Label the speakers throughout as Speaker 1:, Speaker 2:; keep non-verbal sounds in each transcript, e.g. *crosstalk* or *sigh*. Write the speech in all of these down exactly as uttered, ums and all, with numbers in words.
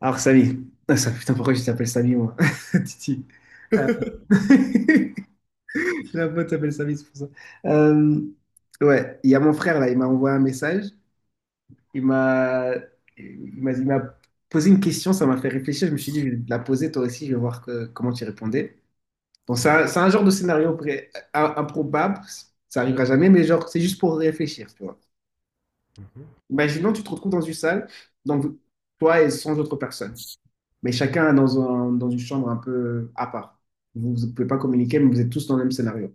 Speaker 1: Alors, Samy. Ah, ça, putain, pourquoi je t'appelle Samy, moi? *laughs* Titi. Euh,
Speaker 2: Vas-y.
Speaker 1: *laughs* J'ai un pote qui s'appelle Samy, c'est pour ça. Euh, Ouais, il y a mon frère, là, il m'a envoyé un message. Il m'a il m'a il m'a posé une question, ça m'a fait réfléchir. Je me suis dit, je vais te la poser toi aussi, je vais voir que- comment tu répondais. Bon, c'est un, c'est un genre de scénario pré- im- improbable, ça arrivera jamais, mais genre, c'est juste pour réfléchir, tu vois.
Speaker 2: Mhm.
Speaker 1: Imaginons, tu te retrouves dans une salle, donc toi et sans autres personnes. Mais chacun est dans un- dans une chambre un peu à part. Vous ne pouvez pas communiquer, mais vous êtes tous dans le même scénario.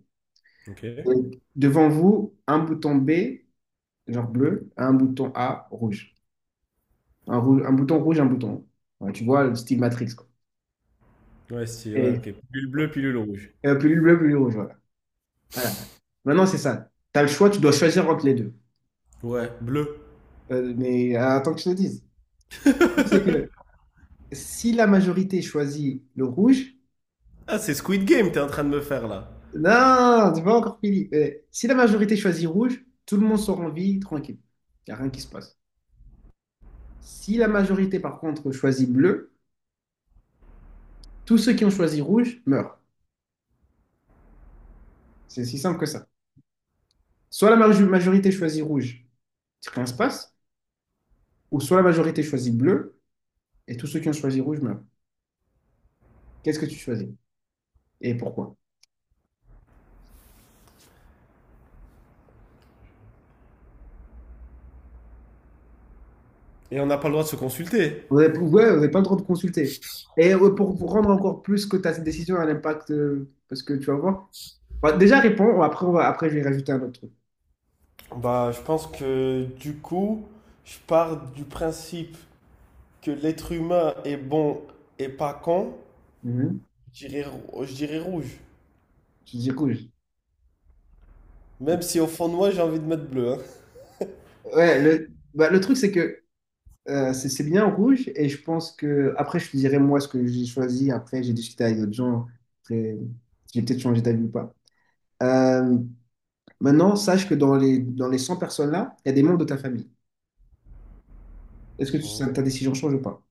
Speaker 2: Ok.
Speaker 1: Et devant vous, un bouton B, genre bleu, un bouton A, rouge. Un, rouge, un bouton rouge, un bouton. Ouais, tu vois, le style Matrix, quoi.
Speaker 2: Ouais, si, ouais,
Speaker 1: Et,
Speaker 2: ok. Pilule bleue, pilule rouge.
Speaker 1: et plus bleu, plus rouge, voilà. Voilà. Maintenant, c'est ça. Tu as le choix, tu dois choisir entre les deux.
Speaker 2: Ouais, bleu.
Speaker 1: Euh, mais euh, attends que je te dise. Le truc, c'est que si la majorité choisit le rouge,
Speaker 2: Ah, c'est Squid Game, t'es en train de me faire là.
Speaker 1: non, tu pas encore fini. Euh, si la majorité choisit rouge, tout le monde sort en vie, tranquille. Il n'y a rien qui se passe. Si la majorité, par contre, choisit bleu, tous ceux qui ont choisi rouge meurent. C'est si simple que ça. Soit la majorité choisit rouge, rien ne se passe, ou soit la majorité choisit bleu, et tous ceux qui ont choisi rouge meurent. Qu'est-ce que tu choisis? Et pourquoi?
Speaker 2: Et on n'a pas le droit de se consulter.
Speaker 1: Vous n'avez ouais, pas le droit de consulter. Et euh, pour, pour rendre encore plus que ta décision a l'impact, euh, parce que tu vas voir. Bah, déjà, réponds, après, on va, après, je vais rajouter un autre truc.
Speaker 2: Bah, je pense que du coup, je pars du principe que l'être humain est bon et pas con.
Speaker 1: Mhm.
Speaker 2: Je dirais, rou- je dirais rouge.
Speaker 1: Je dis rouge.
Speaker 2: Même si au fond de moi, j'ai envie de mettre bleu, hein.
Speaker 1: Ouais, le, bah, le truc, c'est que Euh, c'est c'est bien rouge et je pense que après je te dirai moi ce que j'ai choisi. Après j'ai discuté avec d'autres gens. Après j'ai peut-être changé d'avis ou pas. Euh, Maintenant sache que dans les dans les cent personnes là, il y a des membres de ta famille. Est-ce que tu-
Speaker 2: Mhm.
Speaker 1: ça- ta décision change ou pas?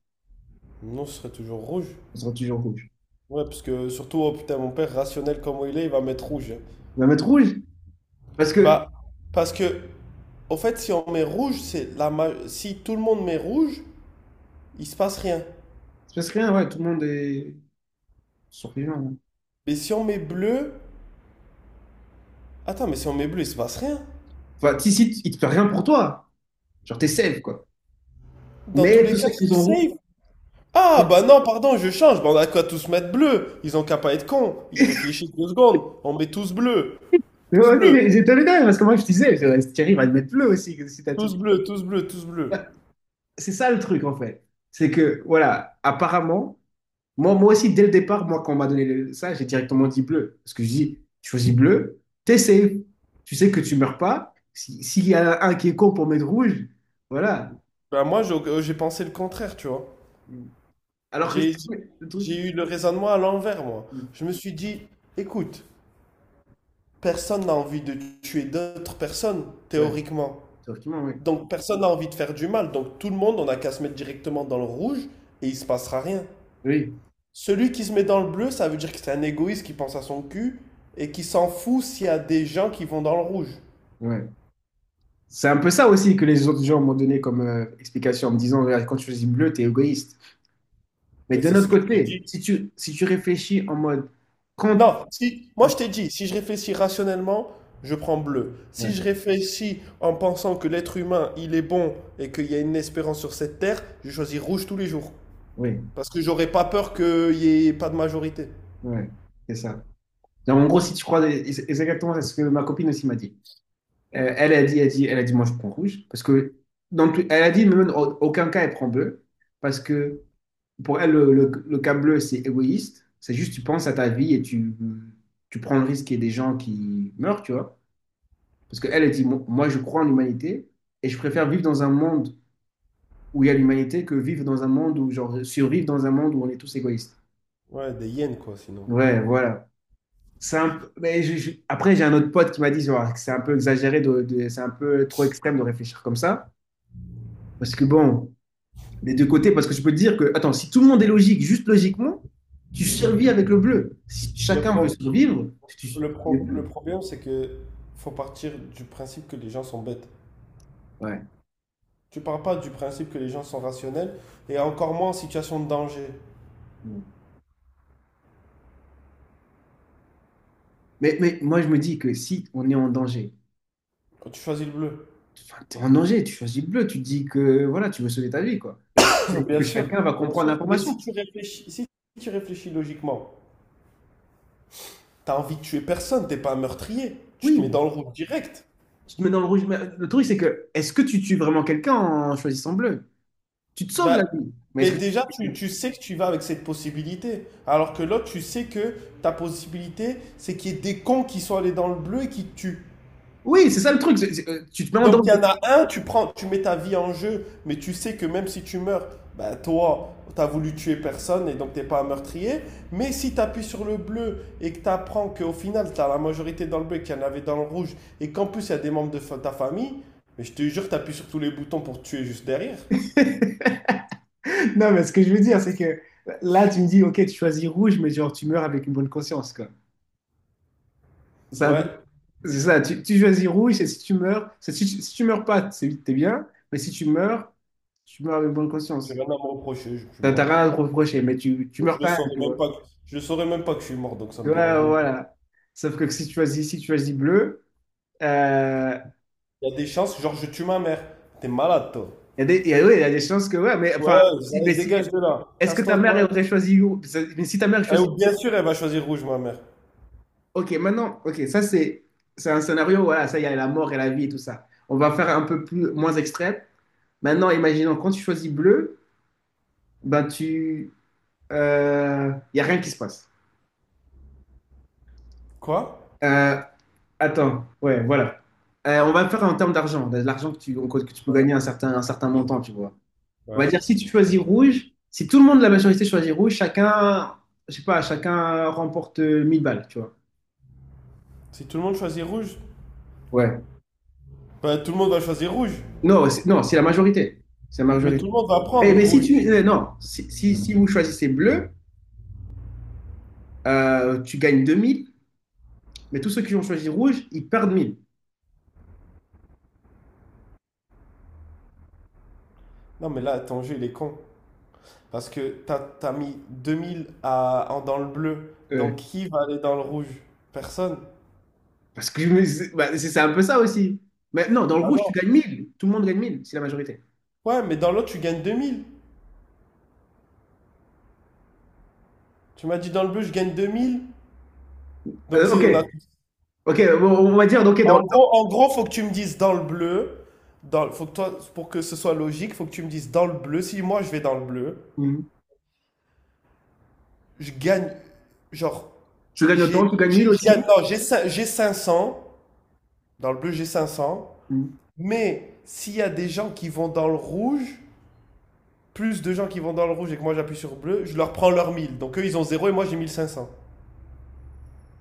Speaker 2: Non, ce serait toujours rouge.
Speaker 1: Ça sera toujours rouge.
Speaker 2: Ouais, parce que surtout, oh putain, mon père, rationnel comme il est, il va mettre rouge, hein.
Speaker 1: On va mettre rouge parce que
Speaker 2: Bah, parce que, au fait, si on met rouge, c'est la ma- si tout le monde met rouge, il se passe rien.
Speaker 1: ça se passe rien. Ouais, tout le monde est survivant, hein.
Speaker 2: Mais si on met bleu, attends, mais si on met bleu, il se passe rien.
Speaker 1: Enfin si si il te fait rien pour toi. Genre t'es safe quoi.
Speaker 2: Dans tous
Speaker 1: Mais
Speaker 2: les
Speaker 1: tous
Speaker 2: cas,
Speaker 1: ceux qui
Speaker 2: c'est
Speaker 1: ont rouge.
Speaker 2: safe. Ah, bah non, pardon, je change. Bah, on a qu'à tous mettre bleu. Ils ont qu'à pas être cons. Ils réfléchissent deux secondes. On met tous bleu.
Speaker 1: Mais *laughs*
Speaker 2: Tous
Speaker 1: ouais,
Speaker 2: bleu.
Speaker 1: mais j'étais le dernier parce que moi je te disais, je- Thierry va le mettre bleu aussi si t'as tout.
Speaker 2: Tous bleu, tous bleu, tous bleu.
Speaker 1: C'est ça le truc en fait. C'est que, voilà, apparemment, moi, moi aussi, dès le départ, moi, quand on m'a donné le- ça, j'ai directement dit bleu. Parce que je dis, tu choisis bleu, t'es safe. Tu sais que tu meurs pas. Si- S'il y en a un qui est con pour mettre rouge, voilà.
Speaker 2: Bah, moi, j'ai euh, j'ai pensé le contraire, tu vois.
Speaker 1: Alors que
Speaker 2: J'ai
Speaker 1: c'est le
Speaker 2: j'ai
Speaker 1: truc.
Speaker 2: eu le raisonnement à l'envers, moi. Je me suis dit, écoute. Personne n'a envie de tuer d'autres personnes,
Speaker 1: Ouais,
Speaker 2: théoriquement.
Speaker 1: théoriquement, oui.
Speaker 2: Donc personne n'a envie de faire du mal. Donc tout le monde, on a qu'à se mettre directement dans le rouge et il se passera rien.
Speaker 1: Oui,
Speaker 2: Celui qui se met dans le bleu, ça veut dire que c'est un égoïste qui pense à son cul et qui s'en fout s'il y a des gens qui vont dans le rouge.
Speaker 1: ouais. C'est un peu ça aussi que les autres gens m'ont donné comme euh, explication en me disant, regarde, quand tu choisis bleu, t'es égoïste. Mais
Speaker 2: Mais
Speaker 1: d'un
Speaker 2: c'est ce
Speaker 1: autre
Speaker 2: que je te
Speaker 1: côté,
Speaker 2: dis.
Speaker 1: si tu, si tu réfléchis en mode, quand.
Speaker 2: Non, si, moi je t'ai dit, si je réfléchis rationnellement, je prends bleu. Si
Speaker 1: Ouais,
Speaker 2: je réfléchis en pensant que l'être humain, il est bon et qu'il y a une espérance sur cette terre, je choisis rouge tous les jours.
Speaker 1: oui.
Speaker 2: Parce que j'aurais pas peur qu'il n'y ait pas de majorité.
Speaker 1: Ouais, c'est ça. Donc, en gros, si tu crois, et c'est- et c'est exactement ce que ma copine aussi m'a dit. Euh, elle a dit, elle a dit, elle a dit, moi je prends rouge parce que dans tout- elle a dit, même en aucun cas elle prend bleu parce que pour elle le, le, le cas bleu c'est égoïste. C'est juste tu penses à ta vie et tu tu prends le risque qu'il y ait des gens qui meurent, tu vois. Parce qu'elle a dit, moi moi, je crois en l'humanité et je préfère vivre dans un monde où il y a l'humanité que vivre dans un monde où genre survivre dans un monde où on est tous égoïstes.
Speaker 2: Ouais, des yens, quoi, sinon.
Speaker 1: Ouais, voilà. c'est un peu- mais je- je- Après, j'ai un autre pote qui m'a dit genre, que c'est un peu exagéré, de, de- c'est un peu trop extrême de réfléchir comme ça. Parce que bon, des deux côtés, parce que je peux te dire que, attends, si tout le monde est logique, juste logiquement, tu survis avec le bleu. Si
Speaker 2: Le,
Speaker 1: chacun veut
Speaker 2: pro-
Speaker 1: survivre, tu survis
Speaker 2: le,
Speaker 1: avec le
Speaker 2: pro- le
Speaker 1: bleu.
Speaker 2: problème, c'est que faut partir du principe que les gens sont bêtes.
Speaker 1: Ouais.
Speaker 2: Tu pars pas du principe que les gens sont rationnels, et encore moins en situation de danger,
Speaker 1: Mm. Mais, mais moi, je me dis que si on est en danger,
Speaker 2: quand tu choisis le bleu.
Speaker 1: enfin, t'es en danger, tu choisis le bleu, tu te dis que voilà, tu veux sauver ta vie, quoi.
Speaker 2: *coughs*
Speaker 1: Et tu te
Speaker 2: *clears throat*
Speaker 1: dis
Speaker 2: Bien
Speaker 1: que
Speaker 2: sûr,
Speaker 1: chacun va
Speaker 2: bien
Speaker 1: comprendre
Speaker 2: sûr. Mais si
Speaker 1: l'information.
Speaker 2: tu réfléchis, si tu réfléchis logiquement, t'as envie de tuer personne, t'es pas un meurtrier. Tu te mets
Speaker 1: Oui,
Speaker 2: dans le rouge direct.
Speaker 1: tu te mets dans le rouge. Mais le truc, c'est que, est-ce que tu tues vraiment quelqu'un en choisissant bleu? Tu te sauves la
Speaker 2: Bah,
Speaker 1: vie. Mais est-ce
Speaker 2: mais
Speaker 1: que...
Speaker 2: déjà, tu, tu sais que tu vas avec cette possibilité. Alors que l'autre, tu sais que ta possibilité, c'est qu'il y ait des cons qui sont allés dans le bleu et qui te tuent.
Speaker 1: Oui, c'est ça le truc. C'est- c'est- euh, tu te mets en
Speaker 2: Donc il y
Speaker 1: danger.
Speaker 2: en a un, tu prends, tu mets ta vie en jeu, mais tu sais que même si tu meurs, bah toi, t'as voulu tuer personne et donc t'es pas un meurtrier. Mais si t'appuies sur le bleu et que t'apprends qu'au final, t'as la majorité dans le bleu et qu'il y en avait dans le rouge, et qu'en plus il y a des membres de fa- ta famille, mais je te jure, t'appuies sur tous les boutons pour te tuer juste derrière.
Speaker 1: *laughs* Non, mais ce que je veux dire, c'est que là, tu me dis, ok, tu choisis rouge, mais genre, tu meurs avec une bonne conscience, quoi. C'est un
Speaker 2: Ouais,
Speaker 1: peu... C'est ça, tu, tu choisis rouge, et si tu meurs, c'est- si, tu- si tu meurs pas, c'est t'es bien, mais si tu meurs, tu meurs avec bonne
Speaker 2: j'ai
Speaker 1: conscience.
Speaker 2: rien à me reprocher, je suis
Speaker 1: T'as t'as
Speaker 2: mort quoi.
Speaker 1: rien à te reprocher, mais tu, tu
Speaker 2: Je
Speaker 1: meurs
Speaker 2: le
Speaker 1: quand même,
Speaker 2: saurais
Speaker 1: tu
Speaker 2: même
Speaker 1: vois.
Speaker 2: pas que, je le saurais même pas que je suis mort, donc ça me
Speaker 1: Ouais,
Speaker 2: dérange même pas.
Speaker 1: voilà. Sauf que si tu choisis, si tu choisis bleu, euh,
Speaker 2: Il y a des chances, genre je tue ma mère. T'es malade, toi.
Speaker 1: il y a des, il y a- ouais, il y a des chances que, ouais, mais enfin,
Speaker 2: Ouais,
Speaker 1: si-
Speaker 2: ça-
Speaker 1: mais si,
Speaker 2: dégage de là.
Speaker 1: est-ce que ta
Speaker 2: Casse-toi,
Speaker 1: mère
Speaker 2: toi.
Speaker 1: aurait choisi où? Mais si ta mère
Speaker 2: Eh,
Speaker 1: choisit,
Speaker 2: ou bien sûr, elle va choisir rouge, ma mère.
Speaker 1: ok, maintenant, ok, ça c'est c'est un scénario, voilà, ça il y a la mort et la vie et tout ça. On va faire un peu plus moins extrême. Maintenant, imaginons quand tu choisis bleu, ben tu, euh, il y a rien qui se passe.
Speaker 2: Quoi?
Speaker 1: Euh, Attends, ouais, voilà. Euh, on va faire en termes d'argent, de l'argent que tu que tu peux gagner un certain un certain montant, tu vois. On va
Speaker 2: Ouais.
Speaker 1: dire si tu choisis rouge, si tout le monde de la majorité choisit rouge, chacun, je sais pas, chacun remporte euh, mille balles, tu vois.
Speaker 2: Si tout le monde choisit rouge,
Speaker 1: Ouais.
Speaker 2: bah, tout le monde va choisir rouge.
Speaker 1: Non, c'est- non, c'est la majorité. C'est la
Speaker 2: Mais tout
Speaker 1: majorité.
Speaker 2: le monde va
Speaker 1: Mais,
Speaker 2: prendre
Speaker 1: mais si
Speaker 2: rouge.
Speaker 1: tu. euh, non, si, si, si vous choisissez bleu, euh, tu gagnes deux mille, mais tous ceux qui ont choisi rouge, ils perdent mille.
Speaker 2: Non, mais là, ton jeu, il est con. Parce que t'as, t'as mis deux mille à, en- dans le bleu. Donc,
Speaker 1: Ouais.
Speaker 2: qui va aller dans le rouge? Personne.
Speaker 1: parce que je me- c'est bah, c'est- c'est un peu ça aussi. Mais non, dans le
Speaker 2: Ah
Speaker 1: rouge, tu
Speaker 2: non.
Speaker 1: gagnes mille. Tout le monde gagne mille. C'est la majorité.
Speaker 2: Ouais, mais dans l'autre, tu gagnes deux mille. Tu m'as dit dans le bleu, je gagne deux mille. Donc,
Speaker 1: Euh,
Speaker 2: si
Speaker 1: ok,
Speaker 2: on a...
Speaker 1: ok, bon, on va dire, ok, dans,
Speaker 2: En gros, en gros, faut que tu me dises dans le bleu, dans, le- faut que toi, pour que ce soit logique, faut que tu me dises dans le bleu. Si moi je vais dans le bleu,
Speaker 1: Mhm.
Speaker 2: je gagne, genre,
Speaker 1: Tu gagnes
Speaker 2: j'ai,
Speaker 1: autant, tu gagnes
Speaker 2: j'ai-
Speaker 1: mille
Speaker 2: je gagne,
Speaker 1: aussi.
Speaker 2: non, j'ai cin- j'ai cinq cents dans le bleu j'ai cinq cents.
Speaker 1: Mhm.
Speaker 2: Mais s'il y a des gens qui vont dans le rouge, plus de gens qui vont dans le rouge et que moi j'appuie sur bleu, je leur prends leur mille. Donc eux ils ont zéro et moi j'ai mille cinq cents.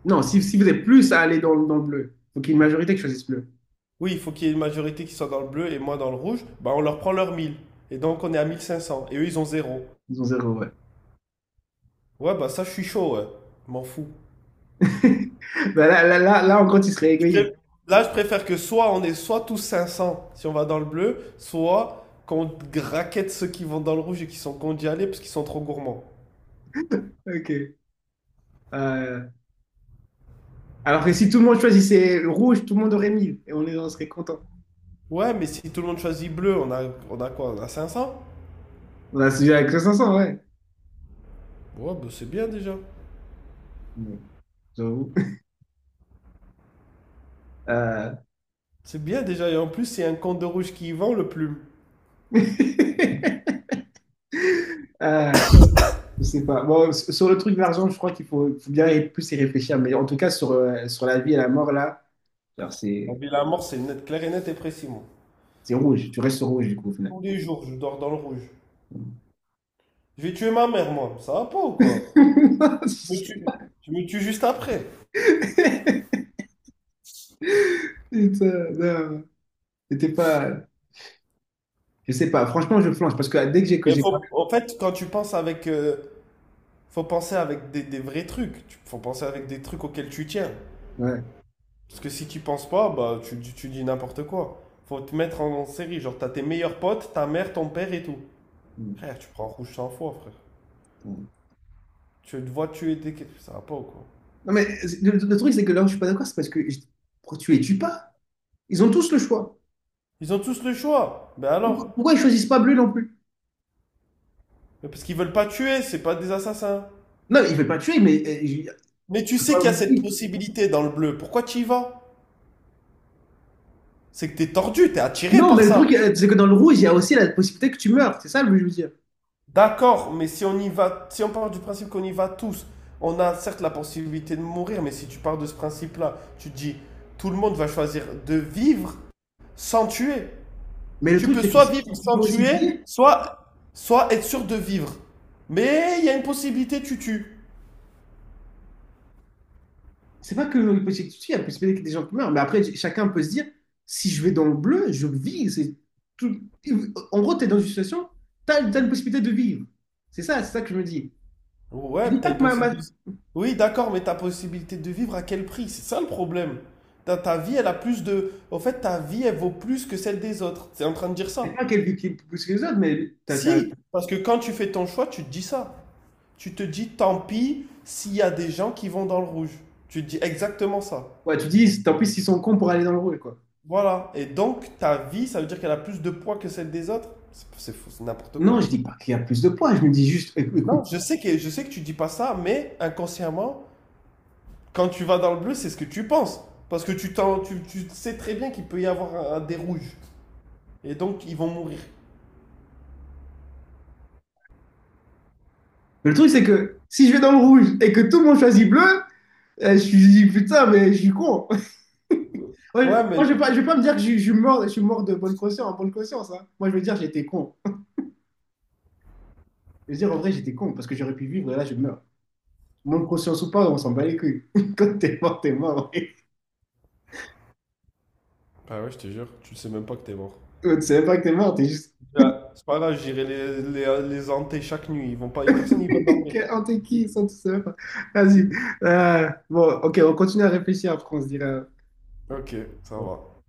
Speaker 1: Non, si, si vous êtes plus à aller dans, dans le bleu, faut qu'il y ait une majorité qui choisisse bleu.
Speaker 2: Oui, il faut qu'il y ait une majorité qui soit dans le bleu et moi dans le rouge, bah on leur prend leur mille. Et donc on est à mille cinq cents et eux ils ont zéro.
Speaker 1: Ils ont zéro, ouais.
Speaker 2: Ouais, bah ça, je suis chaud, ouais. Je m'en fous.
Speaker 1: *laughs* Bah, là, là, là, là, en gros, tu serais
Speaker 2: Je
Speaker 1: égoïste.
Speaker 2: pré- Là, je préfère que soit on est soit tous cinq cents si on va dans le bleu, soit qu'on graquette ceux qui vont dans le rouge et qui sont condamnés d'y aller parce qu'ils sont trop gourmands.
Speaker 1: Ok. Euh, alors que si tout le monde choisissait le rouge, tout le monde aurait mille et on, est, on serait content.
Speaker 2: Ouais, mais si tout le monde choisit bleu, on a, on a quoi? On a cinq cents?
Speaker 1: On a suivi avec cinq cents, ouais.
Speaker 2: Ouais, bah c'est bien déjà.
Speaker 1: Bon, j'avoue. Euh...
Speaker 2: C'est bien déjà. Et en plus, c'est un compte de rouge qui y vend le plume.
Speaker 1: *laughs* Euh, je sais pas. Bon, s- sur le truc de l'argent, je crois qu'il faut, faut bien y- plus y réfléchir. Mais en tout cas, sur, euh, sur la vie et la mort, là, alors
Speaker 2: En
Speaker 1: c'est
Speaker 2: ville à mort, c'est net, clair et net et précis, moi.
Speaker 1: c'est rouge. Tu restes sur rouge, du coup, au final.
Speaker 2: Tous les jours, je dors dans le rouge. Je vais tuer ma mère, moi. Ça va pas ou quoi? Je me tue,
Speaker 1: *laughs*
Speaker 2: je me tue juste après.
Speaker 1: Putain, non. C'était pas. Je sais pas. Franchement, je flanche parce que dès que j'ai que
Speaker 2: Il
Speaker 1: j'ai. parlé.
Speaker 2: faut, en fait, quand tu penses avec euh, faut penser avec des, des vrais trucs. Faut penser avec des trucs auxquels tu tiens.
Speaker 1: Ouais.
Speaker 2: Parce que si tu penses pas, bah tu, dis- tu dis n'importe quoi. Faut te mettre en, en série. Genre, t'as tes meilleurs potes, ta mère, ton père et tout.
Speaker 1: Mm,
Speaker 2: Frère, tu prends rouge cent fois, frère.
Speaker 1: mm.
Speaker 2: Tu te vois tuer des. Ça va pas ou quoi?
Speaker 1: Non, mais le, le truc, c'est que là où je suis pas d'accord, c'est parce que je- pourquoi tu les tues pas? Ils ont tous le choix.
Speaker 2: Ils ont tous le choix. Ben
Speaker 1: Pourquoi,
Speaker 2: alors,
Speaker 1: pourquoi ils choisissent pas bleu non plus?
Speaker 2: mais parce qu'ils veulent pas tuer, c'est pas des assassins.
Speaker 1: Non, il ne veut pas tuer, mais euh, je-
Speaker 2: Mais
Speaker 1: je
Speaker 2: tu
Speaker 1: peux
Speaker 2: sais
Speaker 1: pas
Speaker 2: qu'il y a cette
Speaker 1: oublier.
Speaker 2: possibilité dans le bleu. Pourquoi tu y vas? C'est que t'es tordu, t'es attiré
Speaker 1: Non,
Speaker 2: par
Speaker 1: mais le truc,
Speaker 2: ça.
Speaker 1: euh, c'est que dans le rouge, il y a aussi la possibilité que tu meurs. C'est ça le je veux dire.
Speaker 2: D'accord, mais si on y va, si on part du principe qu'on y va tous, on a certes la possibilité de mourir, mais si tu pars de ce principe-là, tu te dis tout le monde va choisir de vivre sans tuer.
Speaker 1: Mais le
Speaker 2: Tu
Speaker 1: truc,
Speaker 2: peux
Speaker 1: c'est que
Speaker 2: soit
Speaker 1: si
Speaker 2: vivre
Speaker 1: tu, tu peux
Speaker 2: sans
Speaker 1: aussi te
Speaker 2: tuer,
Speaker 1: dire,
Speaker 2: soit, soit être sûr de vivre. Mais il y a une possibilité, tu tues.
Speaker 1: c'est pas que la possibilité que tu tues, il y a la possibilité que des gens qui meurent. Mais après, j- chacun peut se dire, si je vais dans le bleu, je vis. C'est tout. En gros, tu es dans une situation, tu as, une possibilité de vivre. C'est ça, c'est ça que je me dis.
Speaker 2: Ouais,
Speaker 1: Je dis
Speaker 2: t'as
Speaker 1: pas
Speaker 2: une
Speaker 1: que ma, ma-
Speaker 2: possibilité. Oui, d'accord, mais ta possibilité de vivre à quel prix? C'est ça le problème. Ta, ta vie, elle a plus de... En fait, ta vie, elle vaut plus que celle des autres. T'es en train de dire
Speaker 1: c'est
Speaker 2: ça.
Speaker 1: pas qu'elle vit plus que les autres, mais tu as,
Speaker 2: Si, parce que quand tu fais ton choix, tu te dis ça. Tu te dis tant pis s'il y a des gens qui vont dans le rouge. Tu te dis exactement ça.
Speaker 1: ouais, tu dis, tant pis s'ils sont cons pour aller dans le rouge, quoi.
Speaker 2: Voilà. Et donc, ta vie, ça veut dire qu'elle a plus de poids que celle des autres. C'est c'est fou, c'est n'importe
Speaker 1: Non,
Speaker 2: quoi.
Speaker 1: je dis pas qu'il y a plus de points, je me dis juste, éc- écoute.
Speaker 2: Non, je sais que, je sais que tu dis pas ça, mais inconsciemment, quand tu vas dans le bleu, c'est ce que tu penses. Parce que tu, t'en- tu, tu sais très bien qu'il peut y avoir un- un des rouges. Et donc, ils vont mourir.
Speaker 1: Mais le truc, c'est que si je vais dans le rouge et que tout le monde choisit bleu, euh, je suis je dis, putain, mais je suis con. *laughs* Ouais,
Speaker 2: Ouais,
Speaker 1: je-
Speaker 2: mais...
Speaker 1: moi, je vais pas, je vais pas me dire que je, je suis mort, je suis mort de bonne conscience, en bonne conscience, hein. Moi, je veux dire, j'étais con. Je veux dire, en vrai, j'étais con parce que j'aurais pu vivre et là, je meurs. Bonne conscience ou pas, on s'en bat les couilles. *laughs* Quand t'es mort, t'es mort, ouais.
Speaker 2: Bah ouais, je te jure, tu sais même pas que t'es mort.
Speaker 1: Toi, tu savais pas que t'es mort, t'es juste.
Speaker 2: Ah, c'est pas grave, j'irai les, les, les hanter chaque nuit. Ils vont pas, Y a personne qui va
Speaker 1: *laughs*
Speaker 2: dormir.
Speaker 1: Quel- Oh, t'es qui? Ça, tu savais pas. Vas-y. Euh, bon, ok, on continue à réfléchir après, on se dira.
Speaker 2: Ok, ça
Speaker 1: Bon.
Speaker 2: va.